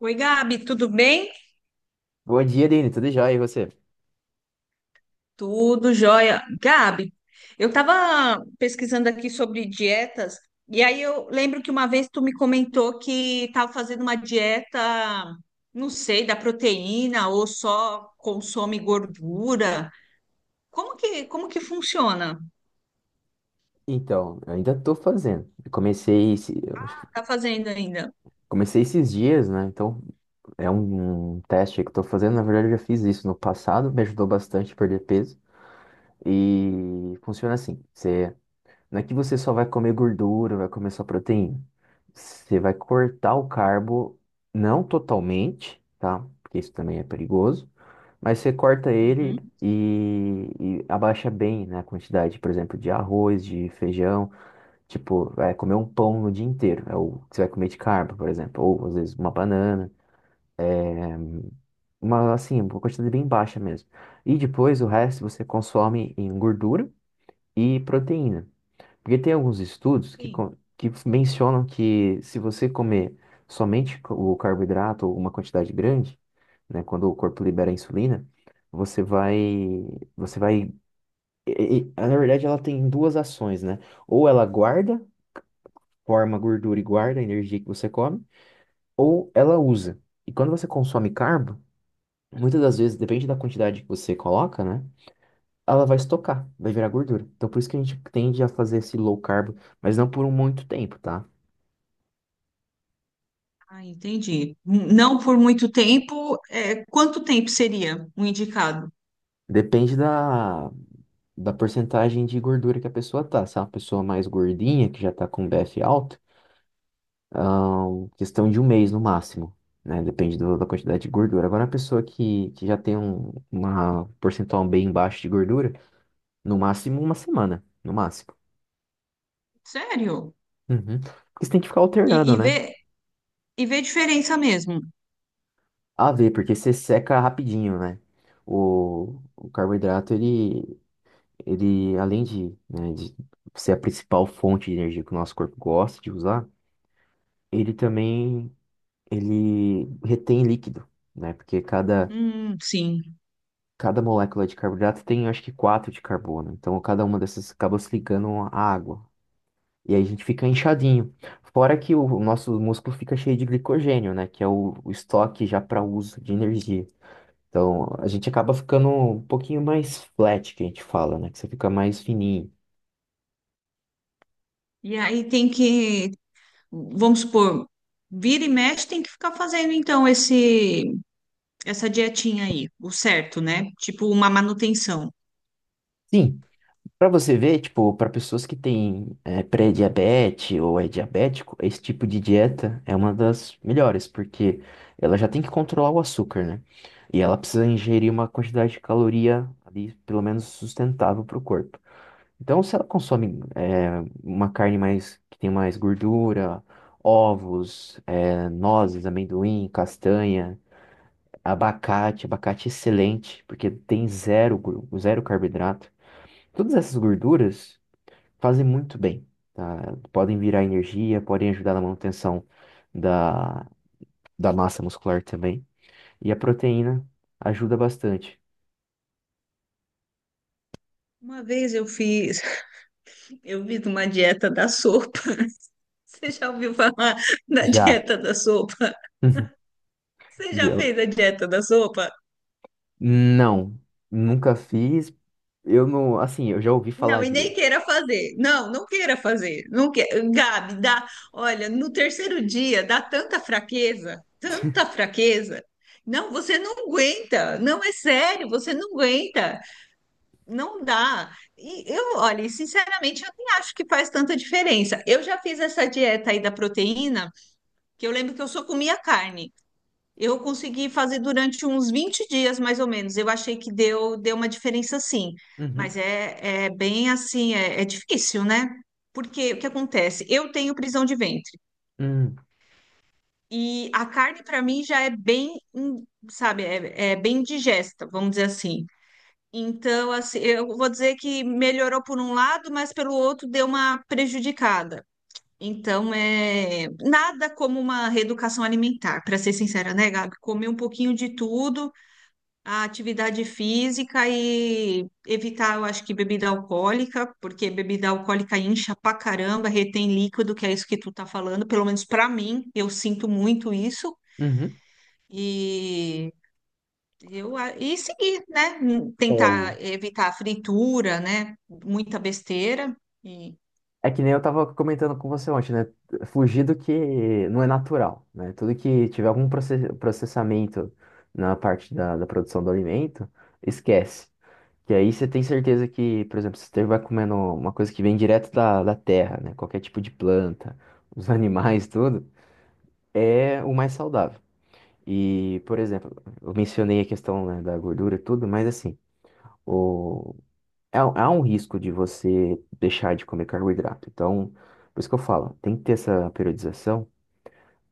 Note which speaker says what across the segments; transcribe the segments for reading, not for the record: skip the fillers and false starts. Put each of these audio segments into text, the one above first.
Speaker 1: Oi, Gabi, tudo bem?
Speaker 2: Bom dia, Dani. Tudo jóia? E você?
Speaker 1: Tudo jóia. Gabi, eu estava pesquisando aqui sobre dietas, e aí eu lembro que uma vez tu me comentou que estava fazendo uma dieta, não sei, da proteína ou só consome gordura. Como que funciona?
Speaker 2: Então, eu ainda tô fazendo. Eu acho que
Speaker 1: Tá fazendo ainda?
Speaker 2: comecei esses dias, né? Então, é um teste aí que eu tô fazendo. Na verdade, eu já fiz isso no passado, me ajudou bastante a perder peso. E funciona assim: você, não é que você só vai comer gordura, vai comer só proteína. Você vai cortar o carbo, não totalmente, tá? Porque isso também é perigoso. Mas você corta ele
Speaker 1: Uhum,
Speaker 2: e abaixa bem, né, a quantidade, por exemplo, de arroz, de feijão. Tipo, é comer um pão no dia inteiro. É o que você vai comer de carbo, por exemplo. Ou às vezes uma banana. Uma, assim, uma quantidade bem baixa mesmo. E depois o resto você consome em gordura e proteína. Porque tem alguns estudos que,
Speaker 1: sim.
Speaker 2: con- que mencionam que se você comer somente o carboidrato ou uma quantidade grande, né, quando o corpo libera a insulina, você vai, você vai, e- na verdade ela tem duas ações, né? Ou ela guarda, forma gordura e guarda a energia que você come, ou ela usa. E quando você consome carbo, muitas das vezes, depende da quantidade que você coloca, né? Ela vai estocar, vai virar gordura. Então, por isso que a gente tende a fazer esse low carb, mas não por um muito tempo, tá?
Speaker 1: Ah, entendi. Não por muito tempo, é, quanto tempo seria o indicado?
Speaker 2: Depende da porcentagem de gordura que a pessoa tá. Se é uma pessoa mais gordinha, que já tá com BF alto, questão de um mês no máximo, né? Depende da quantidade de gordura. Agora, uma pessoa que já tem uma porcentual bem baixa de gordura, no máximo uma semana, no máximo.
Speaker 1: Sério?
Speaker 2: Uhum. Porque você tem que ficar
Speaker 1: E,
Speaker 2: alternando,
Speaker 1: e
Speaker 2: né?
Speaker 1: vê, e vê diferença mesmo.
Speaker 2: A ver, porque você seca rapidinho, né? O carboidrato, ele, além de, né, de ser a principal fonte de energia que o nosso corpo gosta de usar, ele também, ele retém líquido, né? Porque cada,
Speaker 1: Sim.
Speaker 2: cada molécula de carboidrato tem, acho que, quatro de carbono. Então, cada uma dessas acaba se ligando à água. E aí a gente fica inchadinho. Fora que o nosso músculo fica cheio de glicogênio, né? Que é o estoque já para uso de energia. Então, a gente acaba ficando um pouquinho mais flat, que a gente fala, né? Que você fica mais fininho.
Speaker 1: E aí tem que, vamos supor, vira e mexe, tem que ficar fazendo então esse essa dietinha aí, o certo, né? Tipo uma manutenção.
Speaker 2: Sim, pra você ver, tipo, pra pessoas que têm pré-diabetes ou é diabético, esse tipo de dieta é uma das melhores, porque ela já tem que controlar o açúcar, né? E ela precisa ingerir uma quantidade de caloria ali, pelo menos sustentável pro corpo. Então, se ela consome uma carne mais que tem mais gordura, ovos, nozes, amendoim, castanha. Abacate, abacate excelente, porque tem zero, zero carboidrato. Todas essas gorduras fazem muito bem, tá? Podem virar energia, podem ajudar na manutenção da, da massa muscular também. E a proteína ajuda bastante.
Speaker 1: Uma vez eu fiz, eu fiz uma dieta da sopa. Você já ouviu falar da
Speaker 2: Já.
Speaker 1: dieta da sopa? Você já
Speaker 2: Já.
Speaker 1: fez a dieta da sopa?
Speaker 2: Não, nunca fiz. Eu não, assim, eu já ouvi
Speaker 1: Não,
Speaker 2: falar
Speaker 1: e
Speaker 2: de.
Speaker 1: nem queira fazer. Não, não queira fazer. Não que... Gabi, dá. Olha, no terceiro dia dá tanta fraqueza, tanta fraqueza. Não, você não aguenta. Não é sério, você não aguenta. Não dá. E eu, olha, e sinceramente, eu nem acho que faz tanta diferença. Eu já fiz essa dieta aí da proteína, que eu lembro que eu só comia carne. Eu consegui fazer durante uns 20 dias, mais ou menos. Eu achei que deu, deu uma diferença, sim. Mas
Speaker 2: Uhum,
Speaker 1: é bem assim, é difícil, né? Porque o que acontece? Eu tenho prisão de ventre.
Speaker 2: uhum,
Speaker 1: E a carne, para mim, já é bem, sabe, é bem digesta, vamos dizer assim. Então, assim, eu vou dizer que melhorou por um lado, mas pelo outro deu uma prejudicada. Então, é nada como uma reeducação alimentar, para ser sincera, né, Gabi? Comer um pouquinho de tudo, a atividade física e evitar, eu acho que bebida alcoólica, porque bebida alcoólica incha pra caramba, retém líquido, que é isso que tu tá falando, pelo menos pra mim, eu sinto muito isso.
Speaker 2: uhum.
Speaker 1: E e seguir, né?
Speaker 2: É, o
Speaker 1: Tentar evitar a fritura, né? Muita besteira e
Speaker 2: É que nem eu tava comentando com você ontem, né? Fugir do que não é natural, né? Tudo que tiver algum processamento na parte da produção do alimento, esquece. Que aí você tem certeza que, por exemplo, você vai comendo uma coisa que vem direto da terra, né? Qualquer tipo de planta, os animais, tudo, é o mais saudável. E, por exemplo, eu mencionei a questão, né, da gordura e tudo, mas assim, há, há um risco de você deixar de comer carboidrato. Então, por isso que eu falo, tem que ter essa periodização,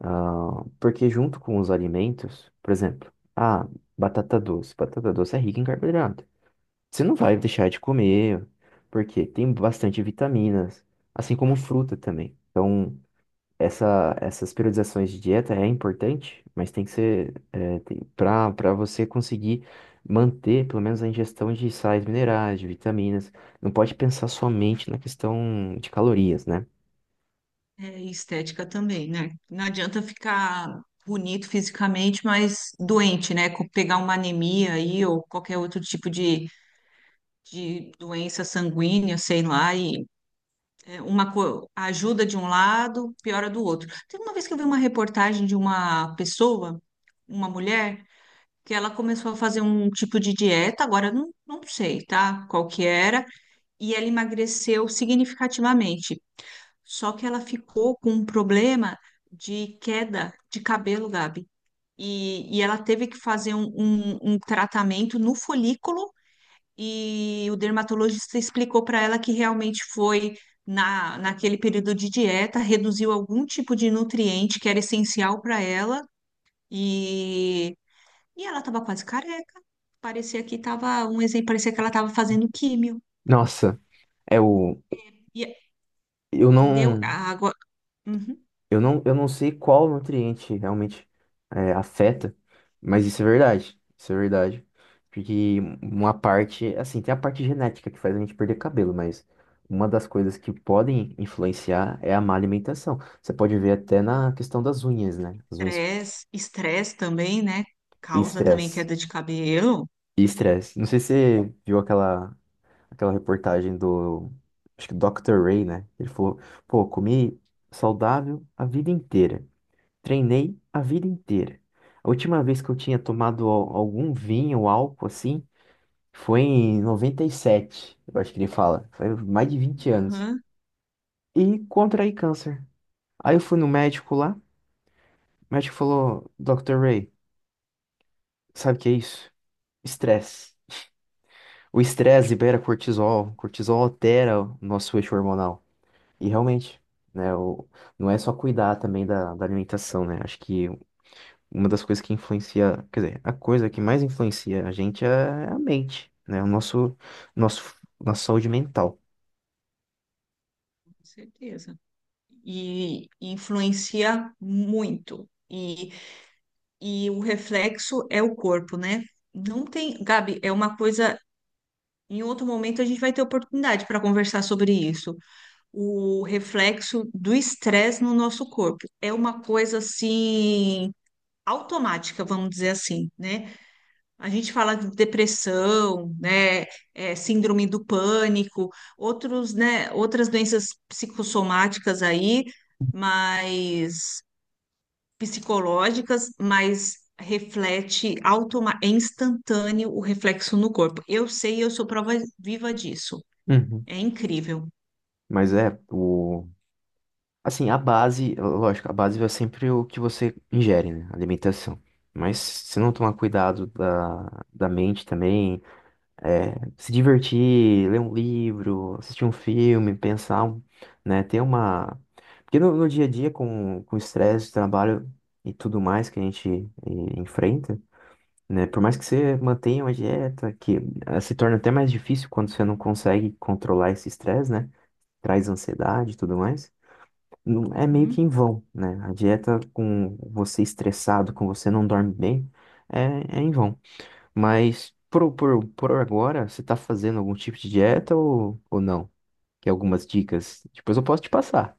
Speaker 2: ah, porque junto com os alimentos, por exemplo, ah, batata doce. Batata doce é rica em carboidrato. Você não vai deixar de comer, porque tem bastante vitaminas, assim como fruta também. Então, essas periodizações de dieta é importante, mas tem que ser é, para você conseguir manter pelo menos a ingestão de sais minerais, de vitaminas. Não pode pensar somente na questão de calorias, né?
Speaker 1: é, estética também, né? Não adianta ficar bonito fisicamente, mas doente, né? Pegar uma anemia aí ou qualquer outro tipo de doença sanguínea, sei lá, e é, ajuda de um lado, piora do outro. Teve uma vez que eu vi uma reportagem de uma pessoa, uma mulher, que ela começou a fazer um tipo de dieta, agora eu não sei, tá? Qual que era, e ela emagreceu significativamente. Só que ela ficou com um problema de queda de cabelo, Gabi. E ela teve que fazer um tratamento no folículo e o dermatologista explicou para ela que realmente foi naquele período de dieta, reduziu algum tipo de nutriente que era essencial para ela e, e ela estava quase careca. Parecia que estava um exemplo, parecia que ela estava fazendo químio.
Speaker 2: Nossa, é o
Speaker 1: E,
Speaker 2: eu
Speaker 1: entendeu?
Speaker 2: não
Speaker 1: A água, uhum.
Speaker 2: Eu não, eu não sei qual nutriente realmente é, afeta, mas isso é verdade. Isso é verdade. Porque uma parte, assim, tem a parte genética que faz a gente perder cabelo, mas uma das coisas que podem influenciar é a má alimentação. Você pode ver até na questão das unhas, né? As unhas
Speaker 1: Estresse, estresse também, né?
Speaker 2: e
Speaker 1: Causa também
Speaker 2: estresse.
Speaker 1: queda de cabelo.
Speaker 2: E estresse. Não sei se você viu aquela, aquela reportagem do, acho que Dr. Ray, né? Ele falou, pô, comi saudável a vida inteira. Treinei a vida inteira. A última vez que eu tinha tomado algum vinho ou álcool assim foi em 97. Eu acho que ele fala. Foi mais de 20 anos.
Speaker 1: Aham,
Speaker 2: E contraí câncer. Aí eu fui no médico lá. O médico falou: Dr. Ray, sabe o que é isso? Estresse. O estresse libera cortisol. Cortisol altera o nosso eixo hormonal. E realmente, né? Não é só cuidar também da alimentação, né? Acho que uma das coisas que influencia, quer dizer, a coisa que mais influencia a gente é a mente, né? Nosso, nossa saúde mental.
Speaker 1: com certeza. E influencia muito. E o reflexo é o corpo, né? Não tem, Gabi, é uma coisa. Em outro momento a gente vai ter oportunidade para conversar sobre isso. O reflexo do estresse no nosso corpo é uma coisa assim automática, vamos dizer assim, né? A gente fala de depressão, né? É, síndrome do pânico, outros, né? Outras doenças psicossomáticas aí, mas psicológicas, mas reflete automa é instantâneo o reflexo no corpo. Eu sei, eu sou prova viva disso.
Speaker 2: Uhum.
Speaker 1: É incrível.
Speaker 2: Mas é, o, assim, a base, lógico, a base é sempre o que você ingere, né? Alimentação. Mas se não tomar cuidado da mente também, é, se divertir, ler um livro, assistir um filme, pensar. Né? Ter uma. Porque no dia a dia, com o estresse, trabalho e tudo mais que a gente enfrenta, né? Por mais que você mantenha uma dieta, que ah, se torna até mais difícil quando você não consegue controlar esse estresse, né? Traz ansiedade e tudo mais. É meio que em
Speaker 1: Uhum.
Speaker 2: vão, né? A dieta com você estressado, com você não dorme bem, é, é em vão. Mas por agora, você tá fazendo algum tipo de dieta ou não? Que algumas dicas, depois eu posso te passar.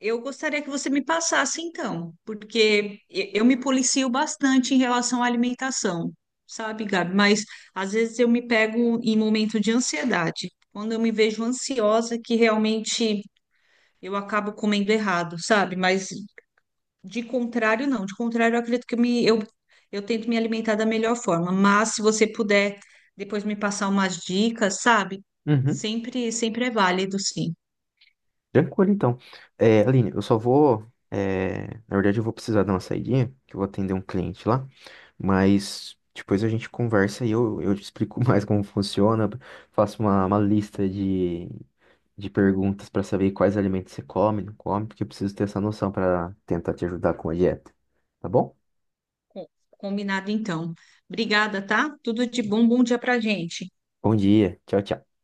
Speaker 1: Eu gostaria que você me passasse então, porque eu me policio bastante em relação à alimentação, sabe, Gabi? Mas às vezes eu me pego em momento de ansiedade, quando eu me vejo ansiosa, que realmente eu acabo comendo errado, sabe? Mas de contrário, não. De contrário, eu acredito que eu tento me alimentar da melhor forma. Mas se você puder depois me passar umas dicas, sabe?
Speaker 2: Uhum.
Speaker 1: Sempre, sempre é válido, sim.
Speaker 2: Tranquilo, então. É, Aline, eu só vou. É, na verdade, eu vou precisar dar uma saidinha, que eu vou atender um cliente lá. Mas depois a gente conversa e eu te explico mais como funciona. Faço uma lista de perguntas para saber quais alimentos você come, não come, porque eu preciso ter essa noção para tentar te ajudar com a dieta. Tá bom?
Speaker 1: Combinado, então. Obrigada, tá? Tudo de bom, bom dia pra gente.
Speaker 2: Bom dia. Tchau, tchau.